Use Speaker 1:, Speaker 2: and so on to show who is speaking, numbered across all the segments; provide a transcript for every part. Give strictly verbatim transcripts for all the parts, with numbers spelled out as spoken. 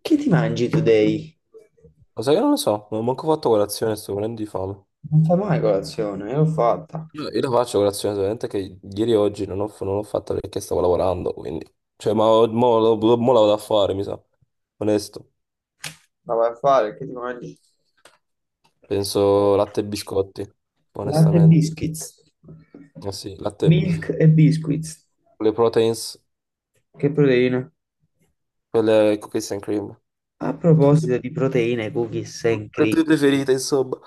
Speaker 1: Che ti mangi today?
Speaker 2: Lo sai che non lo so, non ho manco fatto colazione, sto morendo di fame.
Speaker 1: Non fai mai colazione, l'ho fatta.
Speaker 2: Io io la faccio colazione, solamente che ieri e oggi non ho, non l'ho fatta perché stavo lavorando, quindi... Cioè, ma ho- mo, lo- mo la vado a fare, mi sa. Onesto.
Speaker 1: La vai a fare, che ti mangi?
Speaker 2: Penso latte e biscotti,
Speaker 1: Latte e
Speaker 2: onestamente.
Speaker 1: biscuits.
Speaker 2: Eh sì, latte...
Speaker 1: Milk e biscuits.
Speaker 2: Le proteins,
Speaker 1: Che proteine?
Speaker 2: quelle cookies and cream.
Speaker 1: A
Speaker 2: Le
Speaker 1: proposito di proteine, cookies and cream.
Speaker 2: tue preferite, insomma.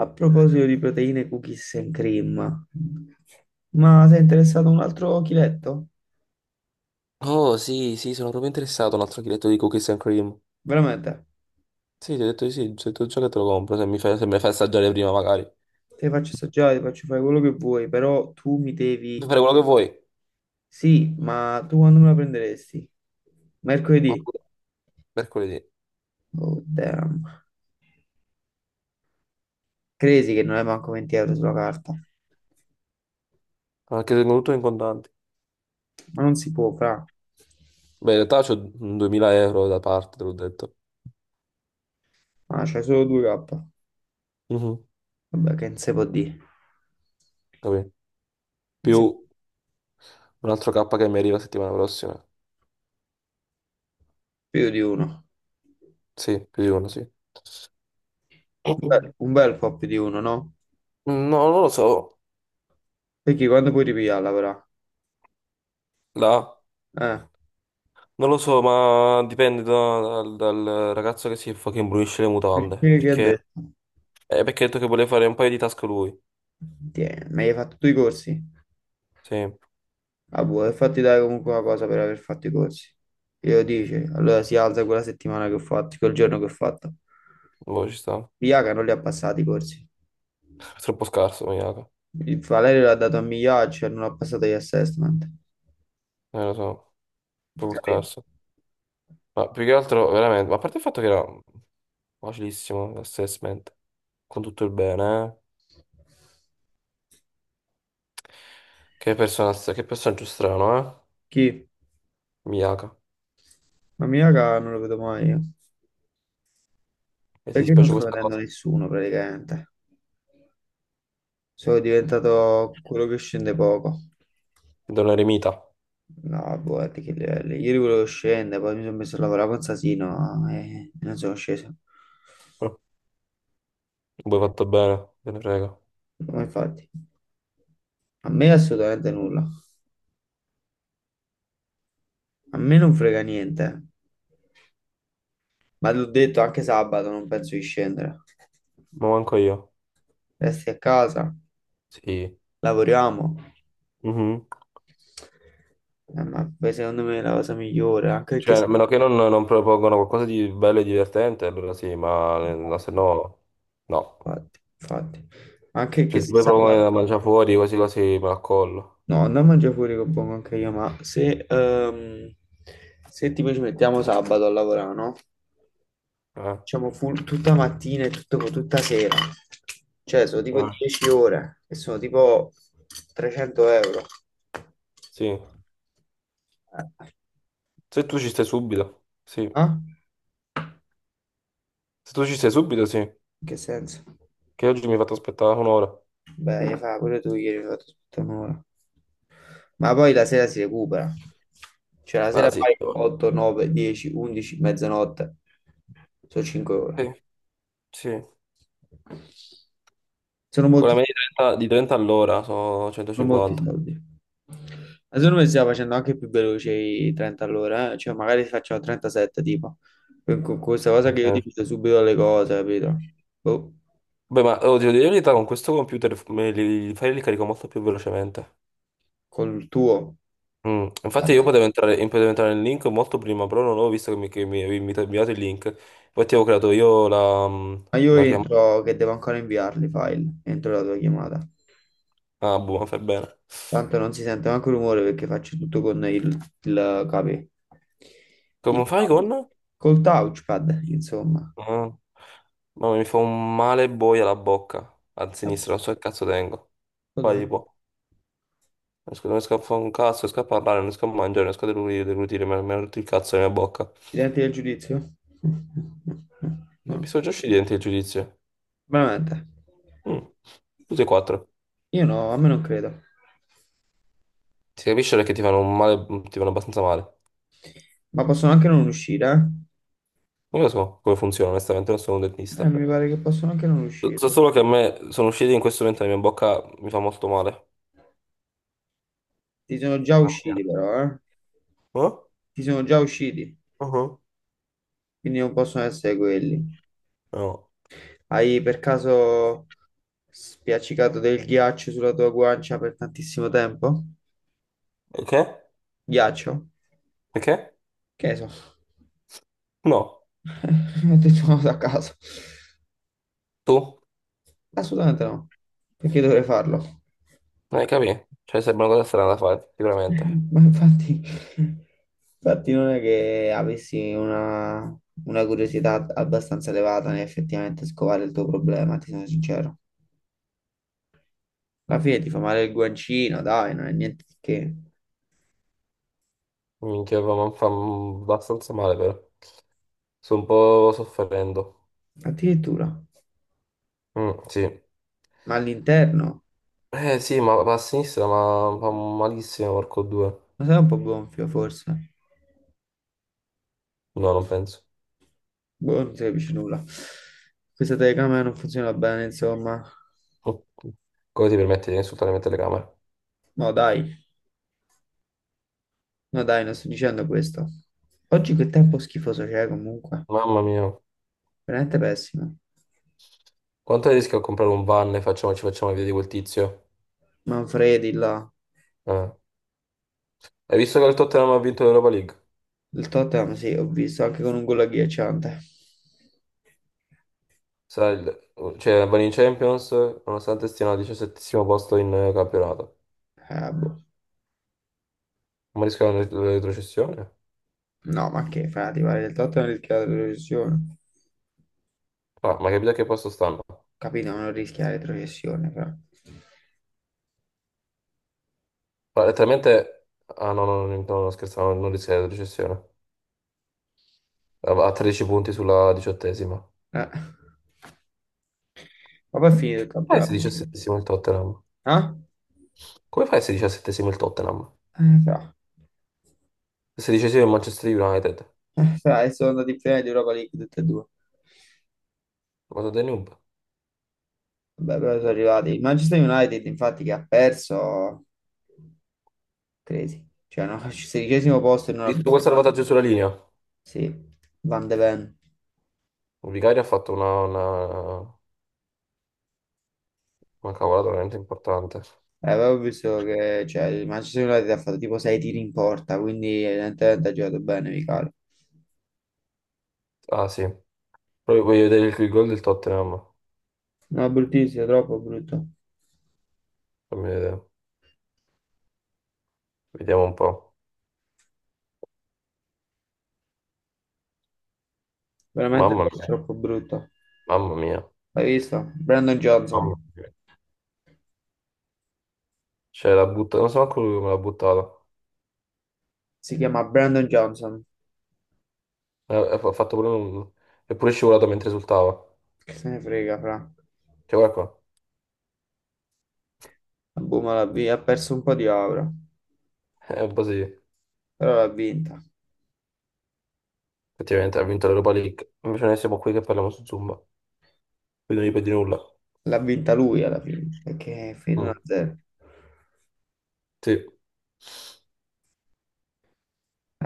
Speaker 1: A proposito di proteine, cookies and cream. Ma sei interessato a un altro chiletto?
Speaker 2: Oh, sì, sì, sono proprio interessato a un altro chiletto di cookies and cream.
Speaker 1: Veramente?
Speaker 2: Sì, ti ho detto di sì, se tu già che te lo compro, se mi fai, se me lo fai assaggiare prima magari.
Speaker 1: Ti faccio assaggiare, ti faccio fare quello che vuoi, però tu mi
Speaker 2: Puoi
Speaker 1: devi...
Speaker 2: fare quello che vuoi.
Speaker 1: Sì, ma tu quando me la prenderesti? Mercoledì?
Speaker 2: Mercoledì.
Speaker 1: Oh, damn. Credi che non è manco venti euro sulla carta.
Speaker 2: Anche tengo tutto in contanti.
Speaker 1: Ma non si può, fra.
Speaker 2: Beh, in realtà c'ho duemila euro da parte, te l'ho detto.
Speaker 1: Ma c'hai solo due K.
Speaker 2: Mhm,
Speaker 1: Vabbè, che non si può dire.
Speaker 2: capì?
Speaker 1: Non si-
Speaker 2: Più un altro kappa che mi arriva settimana prossima.
Speaker 1: Più di uno.
Speaker 2: Sì, più di uno, sì.
Speaker 1: Un bel, un bel po' più di uno, no?
Speaker 2: No, non lo so.
Speaker 1: Perché quando puoi ripigliarla, però?
Speaker 2: Là.
Speaker 1: Eh,
Speaker 2: Non lo so, ma dipende da- dal, dal ragazzo che si fucking brulisce le mutande.
Speaker 1: perché che ha
Speaker 2: Perché,
Speaker 1: detto?
Speaker 2: eh, perché ha detto che voleva fare un paio di task lui.
Speaker 1: Tieni, ma hai fatto tu i corsi?
Speaker 2: Sì,
Speaker 1: Ah, boh, e fatti dare comunque una cosa per aver fatto i corsi. Glielo dice, allora si alza quella settimana che ho fatto, quel giorno che ho fatto.
Speaker 2: boh, ci sta.
Speaker 1: Iaca non li ha passati i corsi.
Speaker 2: È troppo scarso, maniaco.
Speaker 1: Il Valerio l'ha dato a Migliaccio e non ha passato gli assessment.
Speaker 2: Eh, lo so, troppo
Speaker 1: Capito?
Speaker 2: scarso. Ma più che altro, veramente, ma a parte il fatto che era facilissimo, assessment. Con tutto il bene, eh. Che persona, che personaggio strano, eh?
Speaker 1: Chi?
Speaker 2: Miyaka.
Speaker 1: La mia cara non lo vedo mai. Io.
Speaker 2: E ti
Speaker 1: Perché non
Speaker 2: dispiace
Speaker 1: sto
Speaker 2: questa
Speaker 1: vedendo
Speaker 2: cosa?
Speaker 1: nessuno praticamente? Sono diventato quello che scende poco.
Speaker 2: È un eremita.
Speaker 1: No, boh, di che livelli. Ieri volevo scendere, poi mi sono messo a lavorare con Sasino e non sono sceso.
Speaker 2: Eh, Voi fatto bene, te ne frega.
Speaker 1: Ma infatti, a me assolutamente nulla. A me non frega niente. Ma l'ho detto anche sabato, non penso di scendere.
Speaker 2: Ma manco io.
Speaker 1: Resti a casa,
Speaker 2: Sì.
Speaker 1: lavoriamo.
Speaker 2: Mhm.
Speaker 1: Eh, ma poi secondo me è la cosa migliore, anche perché...
Speaker 2: Cioè, a meno che non, non propongono qualcosa di bello e divertente, allora sì, ma, ma se no, no.
Speaker 1: Infatti, infatti. Anche che
Speaker 2: Cioè, se
Speaker 1: se
Speaker 2: poi propongono
Speaker 1: sabato...
Speaker 2: da mangiare fuori, quasi quasi me la collo.
Speaker 1: No, non mangiare fuori con buon anche io, ma se, ehm, se tipo ci mettiamo sabato a lavorare, no?
Speaker 2: Eh?
Speaker 1: Diciamo full tutta mattina e tutto- tutta sera. Cioè, sono tipo
Speaker 2: Eh.
Speaker 1: dieci ore e sono tipo trecento euro.
Speaker 2: Sì.
Speaker 1: Eh, eh,
Speaker 2: Se tu ci stai subito, sì.
Speaker 1: ah?
Speaker 2: Se tu ci stai subito, sì.
Speaker 1: In che senso?
Speaker 2: Che oggi mi hai fatto aspettare un'ora.
Speaker 1: Beh, hai fatto pure tu ieri, hai fatto tutta un'ora. Ma poi la sera si recupera. Cioè la
Speaker 2: Ah,
Speaker 1: sera
Speaker 2: sì,
Speaker 1: fai otto, nove, dieci, undici, mezzanotte. Sono cinque
Speaker 2: sì,
Speaker 1: ore.
Speaker 2: sì.
Speaker 1: Sono
Speaker 2: Con la
Speaker 1: molti,
Speaker 2: media di trenta di trenta all'ora sono
Speaker 1: sono molti
Speaker 2: centocinquanta.
Speaker 1: soldi. Ma secondo me stiamo facendo anche più veloce i trenta all'ora, eh. Cioè magari facciamo trentasette tipo. Con con questa cosa che io ti
Speaker 2: Ok.
Speaker 1: divido subito le cose, capito? Boh,
Speaker 2: Beh, ma oh, devo dire la verità, con questo computer f- me li, i file li carico molto più velocemente.
Speaker 1: col tuo.
Speaker 2: Mm, infatti io
Speaker 1: Vabbè.
Speaker 2: potevo entrare, io potevo entrare nel link molto prima, però non avevo visto che mi, che mi avevi invita- inviato il link. Infatti avevo creato io la, mm,
Speaker 1: Ma io
Speaker 2: la chiamata.
Speaker 1: entro che devo ancora inviarli i file entro la tua chiamata.
Speaker 2: Ah, buono, fai bene.
Speaker 1: Tanto non si sente neanche rumore perché faccio tutto con il, il capè.
Speaker 2: Come
Speaker 1: Il,
Speaker 2: fai
Speaker 1: tou-
Speaker 2: con?
Speaker 1: Col touchpad, insomma.
Speaker 2: Ah. Ma mi fa un male boia la bocca. A sinistra, non so che cazzo tengo. Vai,
Speaker 1: Vabbè.
Speaker 2: tipo. Riesco- non riesco a fare un cazzo, non riesco a parlare, non riesco a mangiare, non riesco a deglutire, deglutire, mi ha mi ha rotto il cazzo nella bocca.
Speaker 1: I denti del giudizio?
Speaker 2: Ma mi sono già usciti i denti il giudizio.
Speaker 1: Veramente.
Speaker 2: Mm, tutti e quattro.
Speaker 1: Io no, a me non credo.
Speaker 2: Si capisce che ti fanno un male, mm, ti fanno abbastanza male.
Speaker 1: Ma possono anche non uscire, eh?
Speaker 2: Non lo so come funziona, onestamente, non sono un
Speaker 1: Eh,
Speaker 2: dentista.
Speaker 1: mi pare che possono anche non uscire.
Speaker 2: So solo che a me sono usciti in questo momento la mia bocca mi fa molto male.
Speaker 1: Ti sono già
Speaker 2: Ah,
Speaker 1: usciti
Speaker 2: ok.
Speaker 1: però, eh?
Speaker 2: Eh?
Speaker 1: Ti sono già usciti,
Speaker 2: Uh-huh.
Speaker 1: quindi non possono essere quelli.
Speaker 2: No.
Speaker 1: Hai per caso spiaccicato del ghiaccio sulla tua guancia per tantissimo tempo?
Speaker 2: Perché?
Speaker 1: Ghiaccio?
Speaker 2: Perché?
Speaker 1: Che ne so?
Speaker 2: No.
Speaker 1: Ho detto una cosa a caso.
Speaker 2: Tu?
Speaker 1: Assolutamente no. Perché dovrei farlo?
Speaker 2: Eh, capì? Cioè, sembra una cosa strana da fare, sicuramente.
Speaker 1: Ma infatti, infatti non è che avessi una, una curiosità abbastanza elevata nel effettivamente scovare il tuo problema, ti sono sincero. Alla fine ti fa male il guancino, dai, non è niente di che.
Speaker 2: Minchia, fa, mi fa abbastanza male, però. Sto un po' soffrendo.
Speaker 1: Addirittura.
Speaker 2: Mm, sì.
Speaker 1: Ma all'interno?
Speaker 2: Eh sì, ma va a sinistra, ma fa malissimo, porco due.
Speaker 1: Ma sei un po' gonfio, forse?
Speaker 2: No, non penso.
Speaker 1: Boh, non si capisce nulla. Questa telecamera non funziona bene, insomma.
Speaker 2: Come ti permetti di insultare le mie telecamere?
Speaker 1: No, dai. No dai, non sto dicendo questo. Oggi che tempo schifoso c'è comunque.
Speaker 2: Mamma mia.
Speaker 1: Veramente pessimo.
Speaker 2: Quanto rischio a comprare un van e facciamo, ci facciamo vedere di quel tizio?
Speaker 1: Manfredi là.
Speaker 2: Eh. Hai visto che il Tottenham ha vinto l'Europa League?
Speaker 1: Il Tottenham sì, ho visto anche con un gol agghiacciante.
Speaker 2: Sarà il- cioè, vanno in Champions, nonostante stiano al diciassettesimo posto in eh, campionato.
Speaker 1: Eh, boh.
Speaker 2: Ma rischiano la retrocessione?
Speaker 1: No, ma che frati, guarda, il Tottenham rischia la retrocessione.
Speaker 2: Ah, ma hai capito a che posto stanno?
Speaker 1: Capito, ma non rischia la retrocessione, fra.
Speaker 2: Ma letteralmente... Ah no, no, no, no, no, scherzavo, non rischia la retrocessione. A tredici punti sulla diciottesima.
Speaker 1: Eh. Ma poi è finito il
Speaker 2: Come fai a
Speaker 1: campionato.
Speaker 2: essere diciassettesimo il Tottenham?
Speaker 1: Ah?
Speaker 2: Come fai a essere diciassettesimo il Tottenham?
Speaker 1: Eh, fra.
Speaker 2: Sedicesimo il Manchester United.
Speaker 1: Eh, fra, e sono andati in finale di Europa League tutti e due.
Speaker 2: Ma sono dei noob.
Speaker 1: Vabbè, però sono arrivati. Il Manchester United, infatti, che ha perso. Crazy. Cioè, no, sedicesimo posto e non
Speaker 2: Visto quel
Speaker 1: abbiamo...
Speaker 2: salvataggio sulla linea. Il
Speaker 1: Sì, Van de Ven.
Speaker 2: Vicario ha fatto una, una, una cavolata veramente importante.
Speaker 1: Eh, avevo visto che cioè, il Manchester United ha fatto tipo sei tiri in porta, quindi evidentemente ha giocato bene, Michele.
Speaker 2: Ah sì. Poi voglio vedere il, il gol del Tottenham.
Speaker 1: No, bruttissimo, troppo brutto.
Speaker 2: Fammi vedere. Vediamo un po'.
Speaker 1: Veramente
Speaker 2: Mamma
Speaker 1: troppo,
Speaker 2: mia.
Speaker 1: troppo brutto.
Speaker 2: Mamma mia.
Speaker 1: L'hai visto? Brandon Johnson.
Speaker 2: Mamma mia. Cioè la butta. Non so manco lui come l'ha buttata.
Speaker 1: Si chiama Brandon Johnson.
Speaker 2: Eh, Ha ha fatto pure un... È pure scivolato mentre esultava.
Speaker 1: Che se ne frega, fra.
Speaker 2: Cioè guarda qua.
Speaker 1: La Buma l'ha vi- ha perso un po' di aura,
Speaker 2: È un po' sì.
Speaker 1: però l'ha vinta.
Speaker 2: Effettivamente ha vinto l'Europa League. Invece noi siamo qui che parliamo su Zumba. Più non gli perdi nulla.
Speaker 1: L'ha vinta lui alla fine, perché è finita
Speaker 2: Mm,
Speaker 1: uno a zero.
Speaker 2: sì.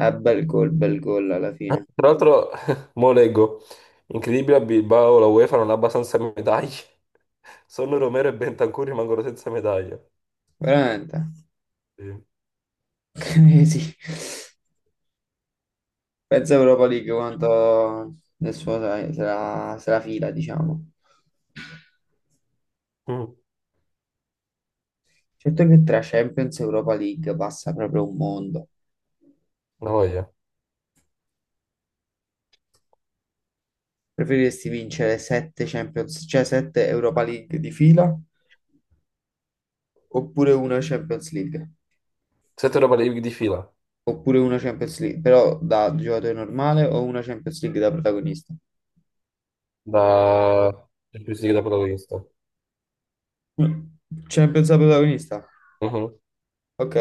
Speaker 1: Eh, bel gol, bel gol alla fine.
Speaker 2: Tra l'altro, mo leggo, incredibile a Bilbao, la UEFA non ha abbastanza medaglie. Solo Romero e Bentancur rimangono senza medaglie.
Speaker 1: Veramente.
Speaker 2: Sì.
Speaker 1: Eh sì, pensa Europa League quanto nel suo se se la, se la fila, diciamo.
Speaker 2: Mm,
Speaker 1: Certo che tra Champions e Europa League passa proprio un mondo.
Speaker 2: la voglia.
Speaker 1: Preferiresti vincere sette Champions, cioè sette Europa League di fila, oppure una Champions League?
Speaker 2: Sette Europa League di fila,
Speaker 1: Oppure una Champions League, però da giocatore normale o una Champions League da protagonista?
Speaker 2: da Champions League da protagonista.
Speaker 1: Mm. Champions da protagonista?
Speaker 2: Mhm.
Speaker 1: Ok.